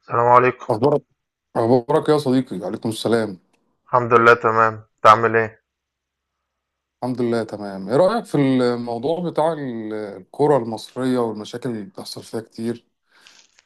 السلام عليكم. أخبارك أخبارك يا صديقي، عليكم السلام. الحمد لله، تمام. انت عامل ايه؟ الحمد لله تمام. إيه رأيك في الموضوع بتاع الكرة المصرية والمشاكل اللي بتحصل فيها كتير،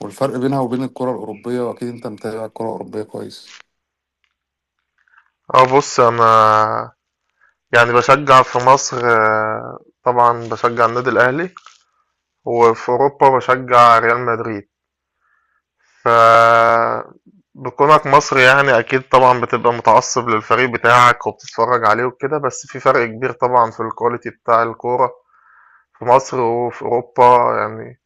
والفرق بينها وبين الكرة الأوروبية؟ وأكيد أنت متابع الكرة الأوروبية كويس. اه، بص، انا يعني بشجع في مصر. طبعا بشجع النادي الاهلي، وفي اوروبا بشجع ريال مدريد. ف بكونك مصري يعني اكيد طبعا بتبقى متعصب للفريق بتاعك وبتتفرج عليه وكده. بس في فرق كبير طبعا في الكواليتي بتاع الكورة في مصر وفي اوروبا. يعني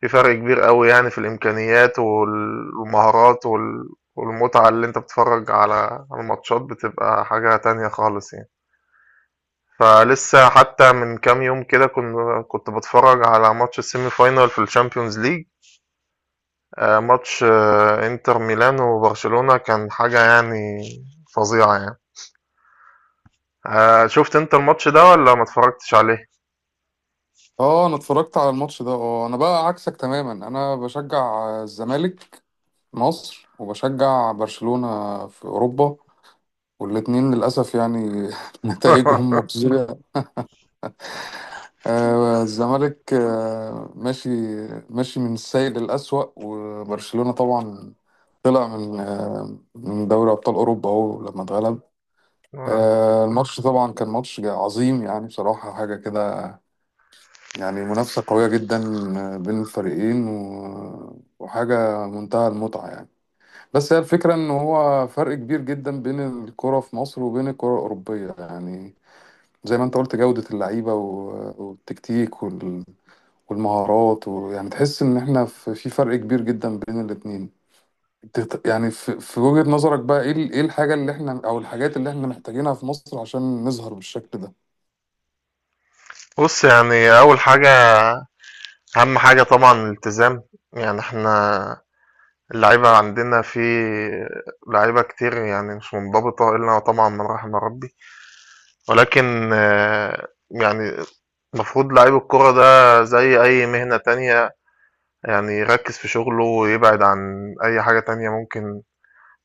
في فرق كبير أوي يعني في الإمكانيات والمهارات والمتعة اللي أنت بتتفرج على الماتشات، بتبقى حاجة تانية خالص يعني. فلسه حتى من كام يوم كده كنت بتفرج على ماتش السيمي فاينال في الشامبيونز ليج. ماتش انتر ميلان وبرشلونة، كان حاجة يعني فظيعة يعني. شفت انت الماتش ده ولا ما اتفرجتش عليه؟ آه، أنا اتفرجت على الماتش ده. أنا بقى عكسك تماما، أنا بشجع الزمالك مصر، وبشجع برشلونة في أوروبا. والاتنين للأسف يعني نتائجهم مخزية. الزمالك ماشي ماشي من السيء للأسوأ. وبرشلونة طبعا طلع من دوري أبطال أوروبا أهو لما اتغلب. آه. الماتش طبعا كان ماتش عظيم، يعني بصراحة حاجة كده، يعني منافسة قوية جدا بين الفريقين و- وحاجة منتهى المتعة يعني. بس هي الفكرة إن هو فرق كبير جدا بين الكرة في مصر وبين الكرة الأوروبية، يعني زي ما انت قلت جودة اللعيبة و- والتكتيك والمهارات، ويعني تحس ان احنا في فرق كبير جدا بين الاتنين. يعني في وجهة نظرك بقى ايه ايه الحاجة اللي احنا او الحاجات اللي احنا محتاجينها في مصر عشان نظهر بالشكل ده؟ بص، يعني أول حاجة، أهم حاجة طبعا الالتزام. يعني احنا اللعيبة عندنا في لعيبة كتير يعني مش منضبطة إلا طبعا من رحم ربي. ولكن يعني المفروض لعيب الكرة ده زي أي مهنة تانية. يعني يركز في شغله ويبعد عن أي حاجة تانية ممكن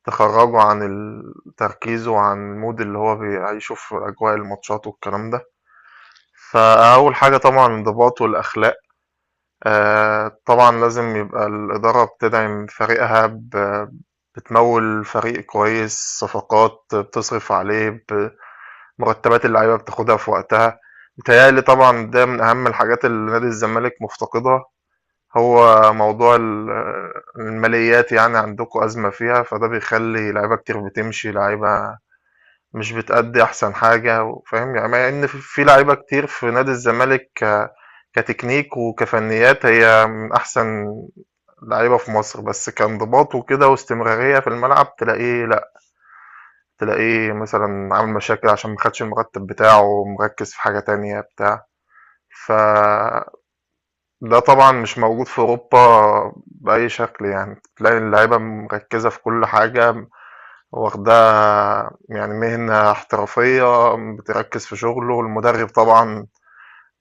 تخرجه عن تركيزه وعن المود اللي هو بيعيشه في أجواء الماتشات والكلام ده. فأول حاجة طبعا الانضباط والأخلاق. طبعًا لازم يبقى الإدارة بتدعم فريقها، بتموّل فريق كويس، صفقات، بتصرف عليه، مرتبات اللعيبة بتاخدها في وقتها. متهيأ لي طبعًا ده من أهم الحاجات اللي نادي الزمالك مفتقدها، هو موضوع الماليات. يعني عندكم أزمة فيها، فده بيخلّي لعيبة كتير بتمشي، لعيبة مش بتأدي أحسن حاجة و فاهم. يعني مع إن في لعيبة كتير في نادي الزمالك كتكنيك وكفنيات هي من أحسن لعيبة في مصر، بس كانضباط وكده واستمرارية في الملعب تلاقيه لأ. تلاقيه مثلًا عامل مشاكل عشان ما خدش المرتب بتاعه، مركّز في حاجة تانية بتاع. فده طبعًا مش موجود في أوروبا بأي شكل يعني، تلاقي اللعيبة مركّزة في كل حاجة واخدها يعني مهنة احترافية. بتركز في شغله. المدرب طبعا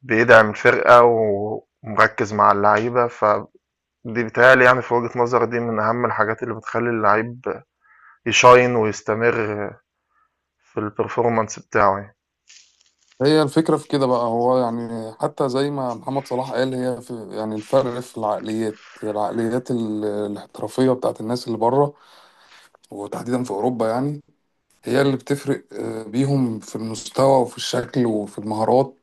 بيدعم الفرقة ومركز مع اللعيبة، فدي بيتهيألي يعني في وجهة نظري دي من أهم الحاجات اللي بتخلي اللعيب يشاين ويستمر في البرفورمانس بتاعه يعني. هي الفكرة في كده بقى، هو يعني حتى زي ما محمد صلاح قال، هي في يعني الفرق في العقليات، الاحترافية بتاعت الناس اللي بره، وتحديدا في أوروبا، يعني هي اللي بتفرق بيهم في المستوى وفي الشكل وفي المهارات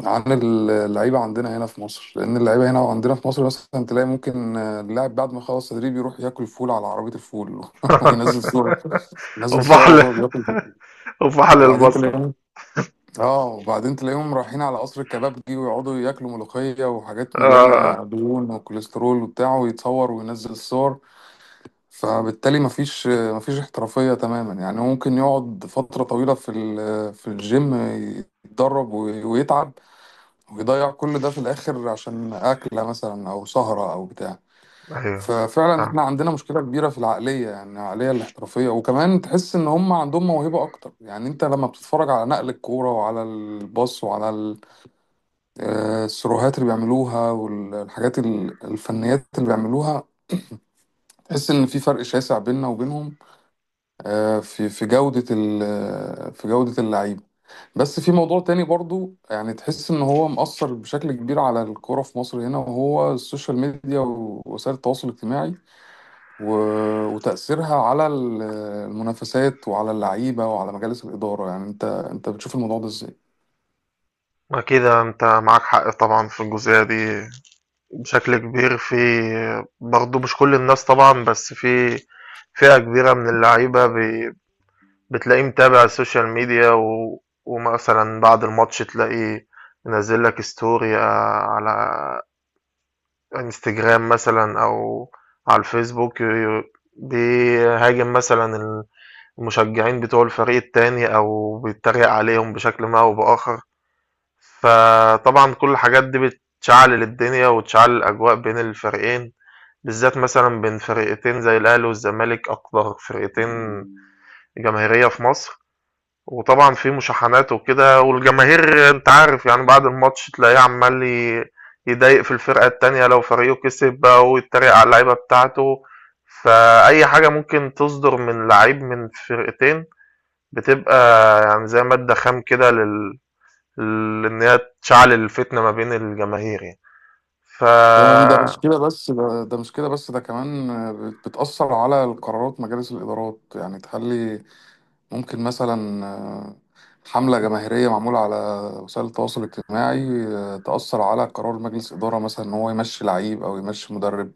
عن اللعيبة عندنا هنا في مصر. لأن اللعيبة هنا عندنا في مصر مثلا تلاقي ممكن اللاعب بعد ما يخلص تدريب يروح ياكل فول على عربية الفول وينزل صورة، ينزل صور وفحل وهو بياكل. وفحل وبعدين البصل. تلاقيهم اه وبعدين تلاقيهم رايحين على قصر الكبابجي ويقعدوا ياكلوا ملوخية وحاجات آه. مليانة دهون وكوليسترول وبتاع، ويتصور وينزل الصور. فبالتالي مفيش مفيش احترافية تماما، يعني هو ممكن يقعد فترة طويلة في الجيم، يتدرب ويتعب ويضيع كل ده في الآخر عشان أكلة مثلا أو سهرة أو بتاع. أيوه. ففعلا احنا فاهم. عندنا مشكلة كبيرة في العقلية، يعني العقلية الاحترافية. وكمان تحس إن هم عندهم موهبة أكتر، يعني أنت لما بتتفرج على نقل الكورة وعلى الباص وعلى السروهات اللي بيعملوها، والحاجات الفنيات اللي بيعملوها، تحس إن في فرق شاسع بيننا وبينهم في جودة اللعيبة. بس في موضوع تاني برضو، يعني تحس ان هو مأثر بشكل كبير على الكرة في مصر هنا، وهو السوشيال ميديا ووسائل التواصل الاجتماعي و... وتأثيرها على المنافسات وعلى اللعيبة وعلى مجالس الإدارة. يعني انت بتشوف الموضوع ده ازاي؟ ما كده أنت معاك حق طبعا في الجزئية دي بشكل كبير في. برضه مش كل الناس طبعًا، بس في فئة كبيرة من اللعيبة بتلاقيه متابع السوشيال ميديا ومثلًا بعد الماتش تلاقيه منزّل لك story على إنستجرام مثلًا أو على الفيسبوك بيهاجم مثلًا المشجعين بتوع الفريق التاني أو بيتريق عليهم بشكل ما أو بآخر. فطبعًا كل الحاجات دي بتشعلل الدنيا وتشعلل الأجواء بين الفريقين. بالذات مثلًا بين فرقتين زي الأهلي والزمالك، أكتر فرقتين جماهيرية في مصر، وطبعًا في مشاحنات وكده، والجماهير أنت عارف يعني بعد الماتش تلاقيه عمّال يضايق في الفرقة التانية لو فريقه كسب بقى ويتريق على اللعيبة بتاعته. فأي حاجة ممكن تصدر من لعيب من فرقتين بتبقى يعني زي مادة خام كده لإن هي تشعل الفتنة ما بين الجماهير يعني. ف بالضبط. ده مش كده بس، ده كمان بتأثر على قرارات مجالس الإدارات، يعني تخلي ممكن مثلا حملة جماهيرية معمولة على وسائل التواصل الاجتماعي تأثر على قرار مجلس إدارة مثلا إن هو يمشي لعيب أو يمشي مدرب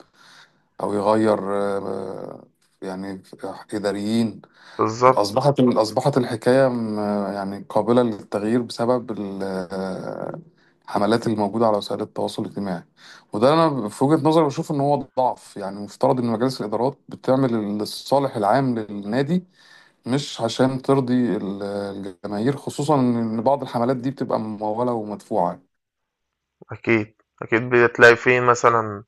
أو يغير يعني إداريين. بالضبط. أصبحت الحكاية يعني قابلة للتغيير بسبب الحملات اللي موجودة على وسائل التواصل الاجتماعي. وده أنا في وجهة نظري بشوف إن هو ضعف، يعني مفترض إن مجالس الإدارات بتعمل الصالح العام للنادي، مش عشان ترضي الجماهير، خصوصا ان بعض الحملات دي بتبقى ممولة ومدفوعة. أكيد. أكيد بتلاقي في مثلًا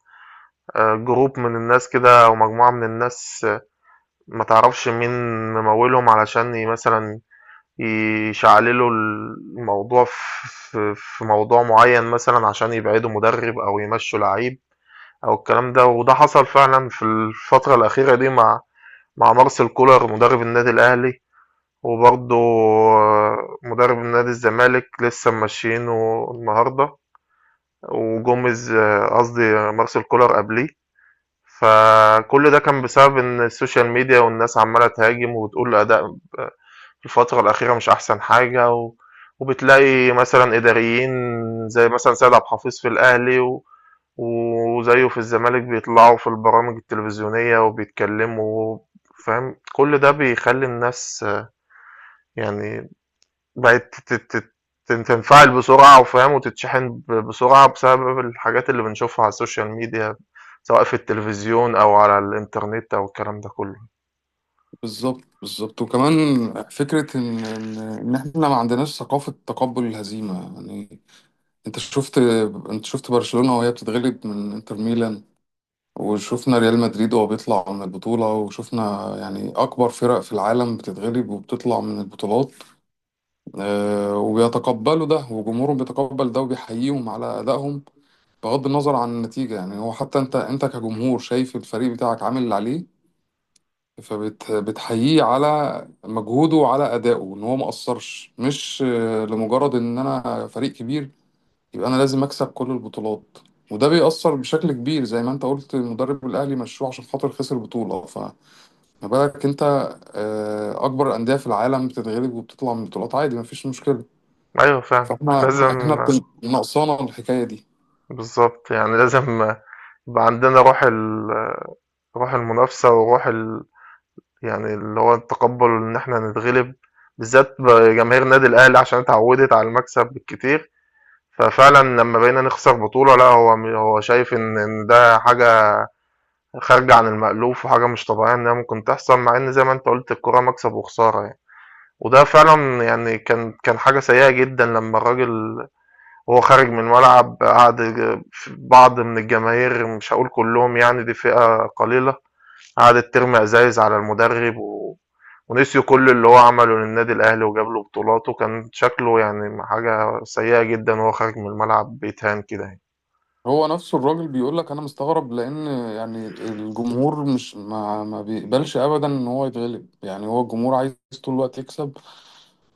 group من الناس كده أو مجموعة من الناس، ما تعرفش مين ممولهم علشان مثلًا يشعللوا الموضوع في موضوع معين مثلًا عشان يبعدوا مدرب أو يمشوا لعيب أو الكلام ده. وده حصل فعلًا في الفترة الأخيرة دي مع مارسيل كولر مدرب النادي الأهلي، وبرضه مدرب نادي الزمالك لسه ممشيينه النهارده. وجوميز، قصدي مارسيل كولر قبليه. فكل ده كان بسبب ان السوشيال ميديا والناس عماله تهاجم وتقول اداء آه، في الفتره الاخيره مش احسن حاجه وبتلاقي مثلا اداريين زي مثلا سيد عبد الحفيظ في الاهلي وزيه في الزمالك بيطلعوا في البرامج التلفزيونيه وبيتكلموا فاهم. كل ده بيخلي الناس يعني بقت ت ت ت تنفعل بسرعة وفاهم، وتتشحن بسرعة بسبب الحاجات اللي بنشوفها على السوشيال ميديا، سواء في التلفزيون أو على الإنترنت أو الكلام ده كله. بالظبط، بالظبط. وكمان فكرة ان ان إن احنا ما عندناش ثقافة تقبل الهزيمة يعني. انت شفت انت شفت برشلونة وهي بتتغلب من انتر ميلان، وشفنا ريال مدريد وهو بيطلع من البطولة، وشفنا يعني أكبر فرق في العالم بتتغلب وبتطلع من البطولات وبيتقبلوا ده، وجمهورهم بيتقبل ده وبيحييهم على أدائهم بغض النظر عن النتيجة، يعني هو حتى انت كجمهور شايف الفريق بتاعك عامل اللي عليه، فبتحييه على مجهوده وعلى أدائه ان هو ما قصرش، مش لمجرد ان انا فريق كبير يبقى انا لازم اكسب كل البطولات. وده بيأثر بشكل كبير. زي ما انت قلت المدرب الاهلي مشوه عشان خاطر خسر بطولة، فما بالك انت اكبر الأندية في العالم بتتغلب وبتطلع من بطولات عادي مفيش مشكلة. أيوه فعلًا. إمم. فاحنا لازم. احنا ناقصانا الحكاية دي. بالضبط، يعني لازم يبقى عندنا روح روح المنافسة وروح يعني اللي هو التقبُّل إن إحنا نتغلب، بالذات جماهير النادي الأهلي عشان اتعوّدت على المكسب بالكتير. ففعلًا لمّا بقينا نخسر بطولة لأ، هو هو شايف إن ده حاجة خارجة عن المألوف وحاجة مش طبيعية إنها ممكن تحصل، مع إن زي ما أنت قُلت الكورة مكسب وخسارة يعني. وده فعلًا يعني كان حاجة سيئة جدًا لمّا الراجل وهو خارج من الملعب قعد ف بعض من الجماهير مش هاقول كلّهم يعني دي فئة قليلة، قعدت ترمي أزايز على المدرب ونسيوا كل اللي هو عمله للنادي الأهلي وجاب له بطولات، وكان شكله يعني حاجة سيئة جدًا وهو خارج من الملعب بيتهان كده يعني. هو نفسه الراجل بيقول لك انا مستغرب، لان يعني الجمهور مش ما, ما بيقبلش ابدا ان هو يتغلب. يعني هو الجمهور عايز طول الوقت يكسب،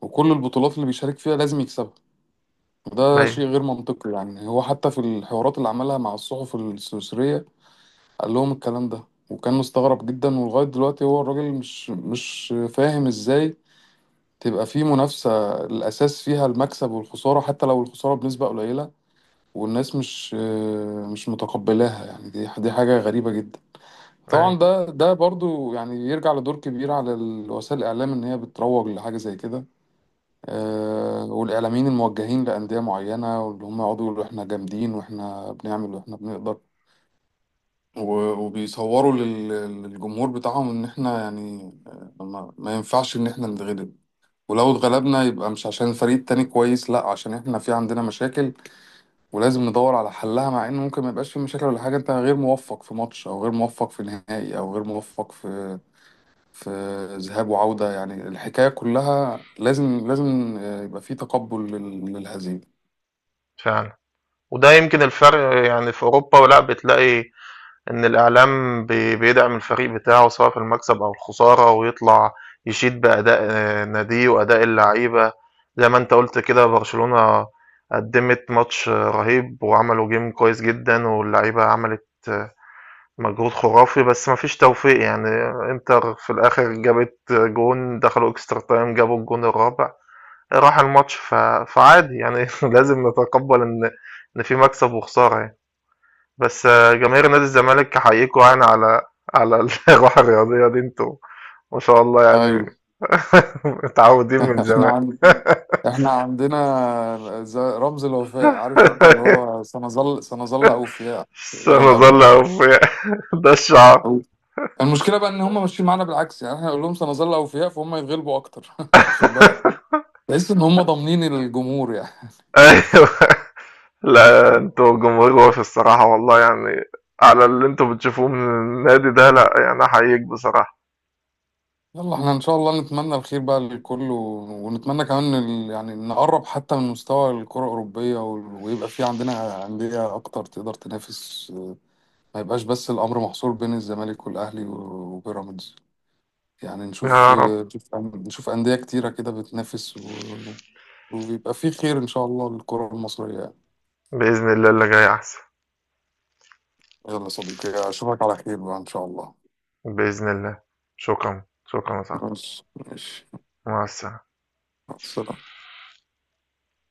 وكل البطولات اللي بيشارك فيها لازم يكسبها، وده أيوه. شيء غير منطقي. يعني هو حتى في الحوارات اللي عملها مع الصحف السويسرية قال لهم الكلام ده، وكان مستغرب جدا. ولغاية دلوقتي هو الراجل مش فاهم ازاي تبقى في منافسة الأساس فيها المكسب والخسارة، حتى لو الخسارة بنسبة قليلة والناس مش متقبلاها، يعني دي حاجة غريبة جدا. إمم. طبعا أيوه. ده برضو يعني يرجع لدور كبير على وسائل الإعلام إن هي بتروج لحاجة زي كده والإعلاميين الموجهين لأندية معينة، واللي هم يقعدوا يقولوا إحنا جامدين وإحنا بنعمل وإحنا بنقدر، و- وبيصوروا لل- للجمهور بتاعهم إن إحنا يعني ما ينفعش إن إحنا نتغلب، ولو اتغلبنا يبقى مش عشان الفريق التاني كويس، لأ، عشان إحنا في عندنا مشاكل، ولازم ندور على حلها، مع ان ممكن ما يبقاش في مشاكل ولا حاجه، انت غير موفق في ماتش او غير موفق في نهائي او غير موفق في ذهاب وعوده. يعني الحكايه كلها لازم يبقى في تقبل لل- للهزيمه. فعلًا. وده يمكن الفرق يعني في أوروبا لأ، بتلاقي إن الإعلام بيدعم الفريق بتاعه سواء في المكسب أو الخسارة، ويطلع يشيد بأداء ناديه وأداء اللعيبة. زي ما أنت قُلت كده برشلونة قدّمت ماتش رهيب وعملوا game كويس جدًا، واللعيبة عملت مجهود خرافي، بس ما فيش توفيق يعني. إنتر في الآخر جابت جون، دخلوا extra time، جابوا الجون الرابع، راح الماتش. فعادي يعني. لازم نتقبّل إن في مكسب وخسارة يعني. بس جماهير نادي الزمالك أحييكوا يعني على على الروح الرياضية دي انتوا ما شاء الله ايوه. يعني. متعودين من احنا زمان. عن... احنا عندنا رمز الوفاء، عارف انت، اللي هو سنظل سنظل اوفياء الى الابد. سنظل أوفياء. ده الشعار. أو- المشكله بقى ان هم ماشيين معانا بالعكس، يعني احنا نقول لهم سنظل اوفياء، فهم يتغلبوا اكتر. خد بالك، تحس ان هم ضامنين الجمهور يعني. ايوه. لا، انتوا جمهور وافي الصراحة والله يعني، على اللي انتوا بتشوفوه من النادي ده، لا يعني احييك بصراحة. يلا، احنا ان شاء الله نتمنى الخير بقى للكل، و- ونتمنى كمان يعني نقرب حتى من مستوى الكرة الأوروبية، وال- ويبقى في عندنا أندية أكتر تقدر تنافس، ما يبقاش بس الأمر محصور بين الزمالك والأهلي و- وبيراميدز، يعني نشوف يا رب. نشوف نشوف أندية كتيرة كده بتنافس، و- ويبقى في خير إن شاء الله للكرة المصرية يعني. بإذن الله اللي جاي أحسن. يلا صديقي، أشوفك على خير بقى إن شاء الله. بإذن الله. شكرا شكرا يا صاحبي. ماشي، ماشي. مع السلامة. مع السلامة.